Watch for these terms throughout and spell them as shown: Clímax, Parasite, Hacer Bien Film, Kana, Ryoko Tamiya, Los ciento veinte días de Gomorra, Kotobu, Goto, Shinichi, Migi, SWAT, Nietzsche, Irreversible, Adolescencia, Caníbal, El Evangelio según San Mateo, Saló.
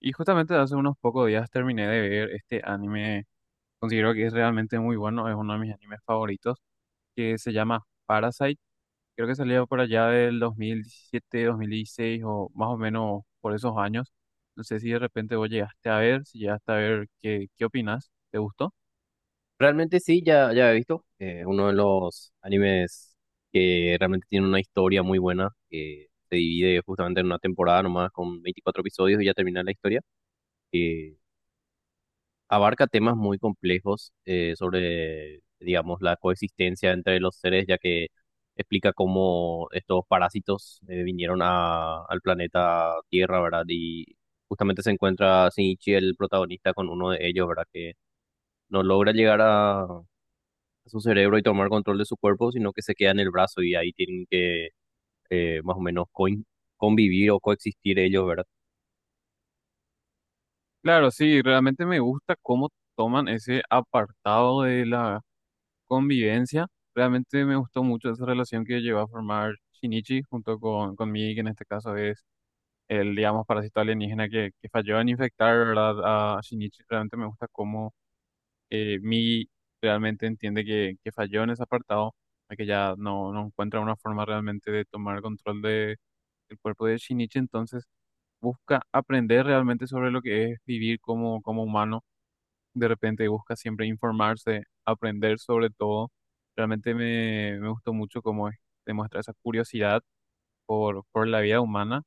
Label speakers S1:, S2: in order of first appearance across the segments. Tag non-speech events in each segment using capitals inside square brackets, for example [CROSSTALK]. S1: Y justamente hace unos pocos días terminé de ver este anime, considero que es realmente muy bueno, es uno de mis animes favoritos, que se llama Parasite. Creo que salió por allá del 2017 2016 o más o menos por esos años. No sé si de repente vos llegaste a ver, si llegaste a ver, ¿qué, qué opinas? ¿Te gustó?
S2: Realmente sí, ya, ya he visto. Uno de los animes que realmente tiene una historia muy buena, que se divide justamente en una temporada nomás con 24 episodios y ya termina la historia, que abarca temas muy complejos, sobre, digamos, la coexistencia entre los seres, ya que explica cómo estos parásitos vinieron al planeta Tierra, ¿verdad? Y justamente se encuentra Shinichi, el protagonista, con uno de ellos, ¿verdad? Que no logra llegar a su cerebro y tomar control de su cuerpo, sino que se queda en el brazo y ahí tienen que, más o menos convivir o coexistir ellos, ¿verdad?
S1: Claro, sí, realmente me gusta cómo toman ese apartado de la convivencia. Realmente me gustó mucho esa relación que llegó a formar Shinichi junto conmigo, que en este caso es el, digamos, parásito alienígena que falló en infectar, ¿verdad? A Shinichi realmente me gusta cómo Mii realmente entiende que falló en ese apartado, de que ya no encuentra una forma realmente de tomar control del cuerpo de Shinichi, entonces busca aprender realmente sobre lo que es vivir como humano, de repente busca siempre informarse, aprender sobre todo, realmente me gustó mucho cómo es, demuestra esa curiosidad por la vida humana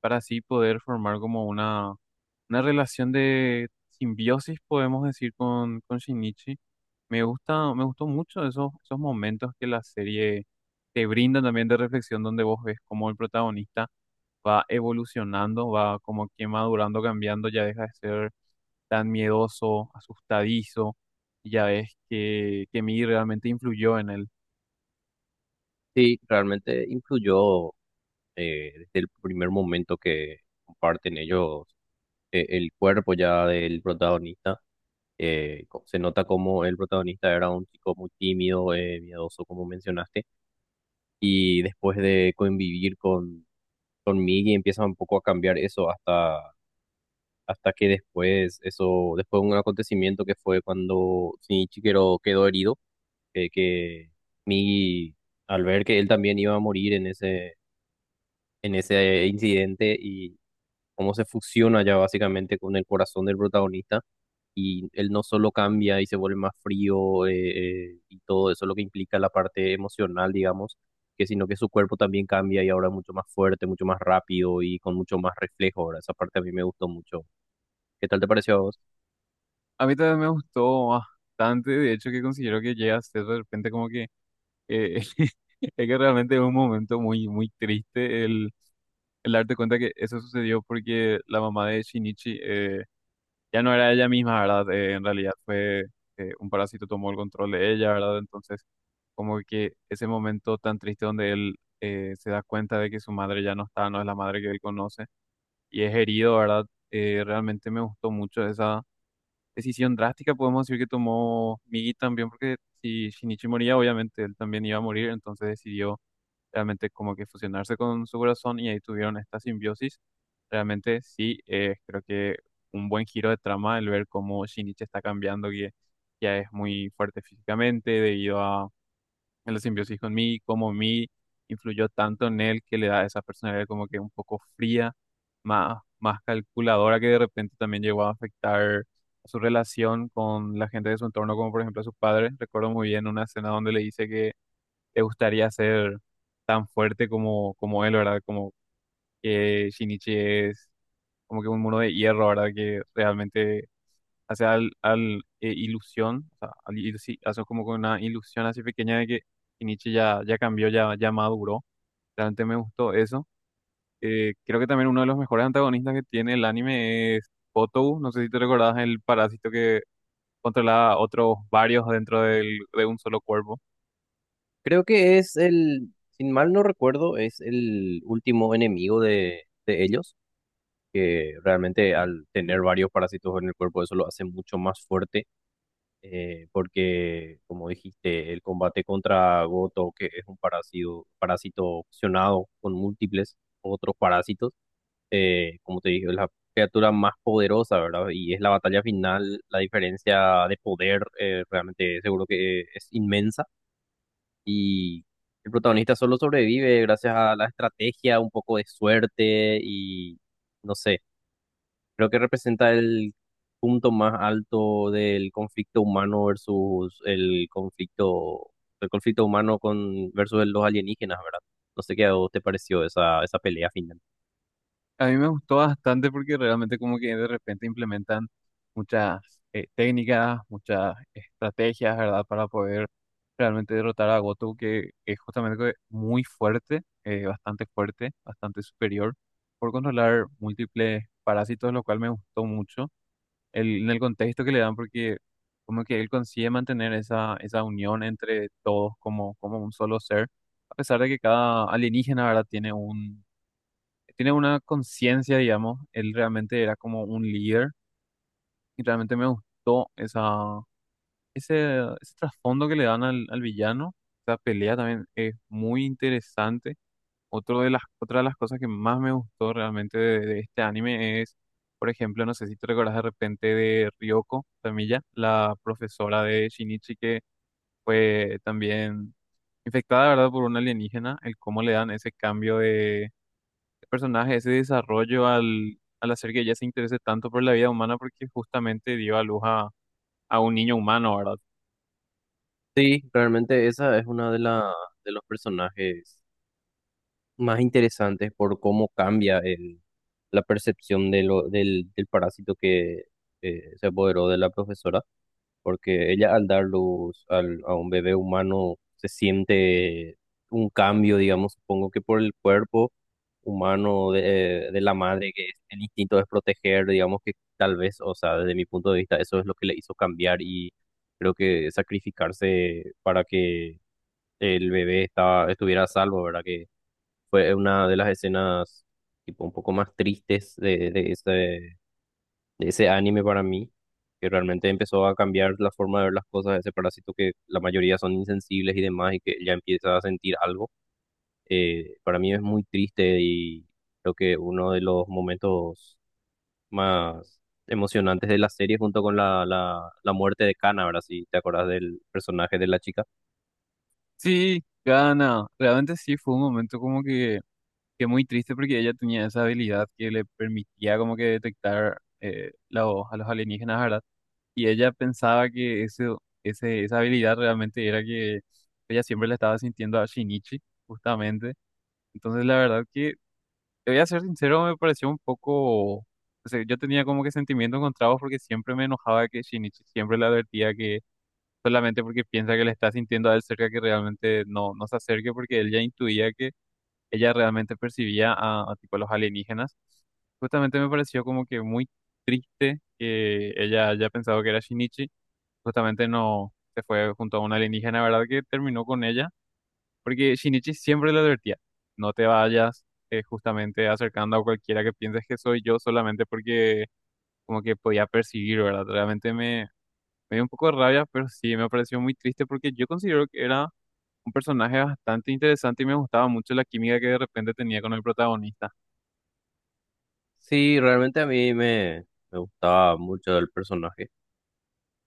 S1: para así poder formar como una relación de simbiosis, podemos decir, con Shinichi. Me gusta, me gustó mucho esos momentos que la serie te brinda también de reflexión, donde vos ves cómo el protagonista va evolucionando, va como que madurando, cambiando, ya deja de ser tan miedoso, asustadizo, y ya ves que Mii realmente influyó en él.
S2: Sí, realmente influyó, desde el primer momento que comparten ellos el cuerpo ya del protagonista. Se nota como el protagonista era un chico muy tímido, miedoso, como mencionaste, y después de convivir con Miggy empieza un poco a cambiar eso hasta que después, eso, después de un acontecimiento que fue cuando Shinichi quedó herido, que Migi, al ver que él también iba a morir en ese incidente, y cómo se fusiona ya básicamente con el corazón del protagonista, y él no solo cambia y se vuelve más frío, y todo eso lo que implica la parte emocional, digamos, que sino que su cuerpo también cambia y ahora es mucho más fuerte, mucho más rápido y con mucho más reflejo. Ahora, esa parte a mí me gustó mucho. ¿Qué tal te pareció a vos?
S1: A mí también me gustó bastante, de hecho que considero que llega a ser de repente como que eh, [LAUGHS] es que realmente es un momento muy, muy triste el darte cuenta que eso sucedió porque la mamá de Shinichi ya no era ella misma, ¿verdad? En realidad fue un parásito tomó el control de ella, ¿verdad? Entonces como que ese momento tan triste donde él se da cuenta de que su madre ya no está, no es la madre que él conoce y es herido, ¿verdad? Realmente me gustó mucho esa decisión drástica podemos decir que tomó Migi también, porque si Shinichi moría, obviamente él también iba a morir, entonces decidió realmente como que fusionarse con su corazón y ahí tuvieron esta simbiosis. Realmente sí, creo que un buen giro de trama el ver cómo Shinichi está cambiando, que ya es muy fuerte físicamente debido a en la simbiosis con mí, cómo mí influyó tanto en él que le da esa personalidad como que un poco fría, más, más calculadora, que de repente también llegó a afectar su relación con la gente de su entorno, como por ejemplo a sus padres. Recuerdo muy bien una escena donde le dice que le gustaría ser tan fuerte como él, ¿verdad? Como que Shinichi es como que un muro de hierro, ¿verdad? Que realmente hace ilusión, o sea, sí, hace como con una ilusión así pequeña de que Nietzsche ya cambió, ya maduró. Realmente me gustó eso. Creo que también uno de los mejores antagonistas que tiene el anime es Kotobu. No sé si te recordás el parásito que controlaba otros varios dentro de un solo cuerpo.
S2: Creo que es el, sin mal no recuerdo, es el último enemigo de ellos, que realmente al tener varios parásitos en el cuerpo eso lo hace mucho más fuerte, porque como dijiste, el combate contra Goto, que es un parásito fusionado con múltiples otros parásitos. Como te dije, es la criatura más poderosa, ¿verdad? Y es la batalla final, la diferencia de poder, realmente seguro que es inmensa, y el protagonista solo sobrevive gracias a la estrategia, un poco de suerte y no sé, creo que representa el punto más alto del conflicto humano versus el conflicto humano con versus los alienígenas, ¿verdad? No sé qué a vos te pareció esa pelea final.
S1: A mí me gustó bastante porque realmente como que de repente implementan muchas técnicas, muchas estrategias, ¿verdad? Para poder realmente derrotar a Goto, que es justamente que muy fuerte, bastante fuerte, bastante superior, por controlar múltiples parásitos, lo cual me gustó mucho en el contexto que le dan, porque como que él consigue mantener esa unión entre todos como un solo ser, a pesar de que cada alienígena, ¿verdad? Tiene una conciencia, digamos, él realmente era como un líder y realmente me gustó ese trasfondo que le dan al villano. Esa pelea también es muy interesante. Otra de las cosas que más me gustó realmente de este anime es, por ejemplo, no sé si te recordás de repente de Ryoko Tamiya, la profesora de Shinichi que fue también infectada, ¿verdad?, por un alienígena, el cómo le dan ese cambio de personaje, ese desarrollo al hacer que ella se interese tanto por la vida humana porque justamente dio a luz a un niño humano, ¿verdad?
S2: Sí, realmente esa es una de los personajes más interesantes por cómo cambia la percepción del parásito que, se apoderó de la profesora, porque ella al dar luz a un bebé humano se siente un cambio, digamos, supongo que por el cuerpo humano de la madre, que el instinto es proteger, digamos que tal vez, o sea, desde mi punto de vista, eso es lo que le hizo cambiar, y creo que sacrificarse para que el bebé estuviera a salvo, ¿verdad? Que fue una de las escenas tipo un poco más tristes de ese anime para mí, que realmente empezó a cambiar la forma de ver las cosas, ese parásito que la mayoría son insensibles y demás, y que ya empieza a sentir algo. Para mí es muy triste, y creo que uno de los momentos más emocionantes de la serie junto con la muerte de Kana, ¿verdad? Si te acordás del personaje de la chica.
S1: Sí, Gana, realmente sí fue un momento como que muy triste porque ella tenía esa habilidad que le permitía como que detectar la voz a los alienígenas, ¿verdad? Y ella pensaba que esa habilidad realmente era que ella siempre la estaba sintiendo a Shinichi, justamente. Entonces la verdad que Te voy a ser sincero, me pareció un poco, o sea, yo tenía como que sentimientos encontrados porque siempre me enojaba que Shinichi siempre le advertía que solamente porque piensa que le está sintiendo a él cerca que realmente no se acerque porque él ya intuía que ella realmente percibía a tipo los alienígenas. Justamente me pareció como que muy triste que ella haya pensado que era Shinichi. Justamente no se fue junto a una alienígena, ¿verdad? Que terminó con ella. Porque Shinichi siempre le advertía, no te vayas justamente acercando a cualquiera que pienses que soy yo solamente porque como que podía percibir, ¿verdad? Realmente me dio un poco de rabia, pero sí me pareció muy triste porque yo considero que era un personaje bastante interesante y me gustaba mucho la química que de repente tenía con el protagonista.
S2: Sí, realmente a me gustaba mucho el personaje,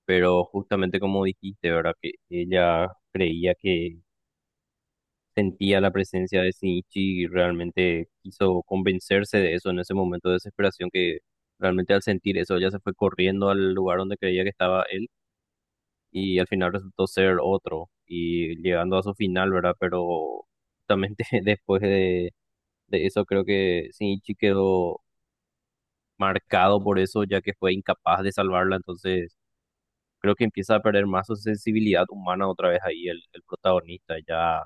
S2: pero justamente como dijiste, ¿verdad? Que ella creía que sentía la presencia de Shinichi y realmente quiso convencerse de eso en ese momento de desesperación, que realmente al sentir eso ella se fue corriendo al lugar donde creía que estaba él, y al final resultó ser otro y llegando a su final, ¿verdad? Pero justamente [LAUGHS] después de eso creo que Shinichi quedó marcado por eso, ya que fue incapaz de salvarla. Entonces creo que empieza a perder más su sensibilidad humana otra vez ahí el protagonista. Ya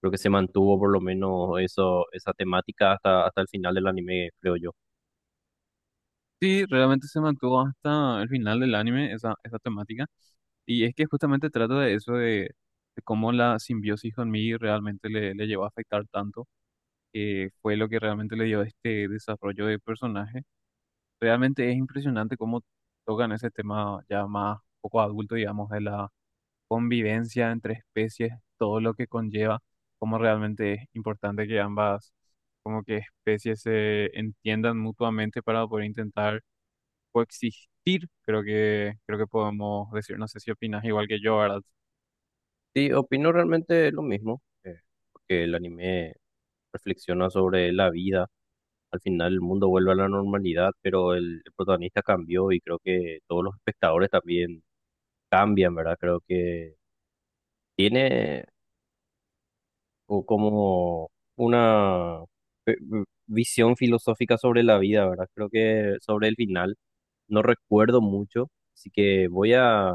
S2: creo que se mantuvo por lo menos eso, esa temática hasta el final del anime, creo yo.
S1: Sí, realmente se mantuvo hasta el final del anime esa temática y es que justamente trata de eso de cómo la simbiosis con Mii realmente le llevó a afectar tanto fue lo que realmente le dio este desarrollo de personaje. Realmente es impresionante cómo tocan ese tema ya más poco adulto, digamos, de la convivencia entre especies, todo lo que conlleva, cómo realmente es importante que ambas como que especies se entiendan mutuamente para poder intentar coexistir. Creo que podemos decir, no sé si opinas igual que yo, ¿verdad?
S2: Sí, opino realmente lo mismo. Porque el anime reflexiona sobre la vida. Al final el mundo vuelve a la normalidad, pero el protagonista cambió y creo que todos los espectadores también cambian, ¿verdad? Creo que tiene o como una visión filosófica sobre la vida, ¿verdad? Creo que sobre el final no recuerdo mucho, así que voy a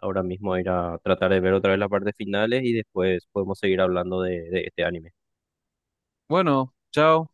S2: ahora mismo a ir a tratar de ver otra vez las partes finales, y después podemos seguir hablando de este anime.
S1: Bueno, chao.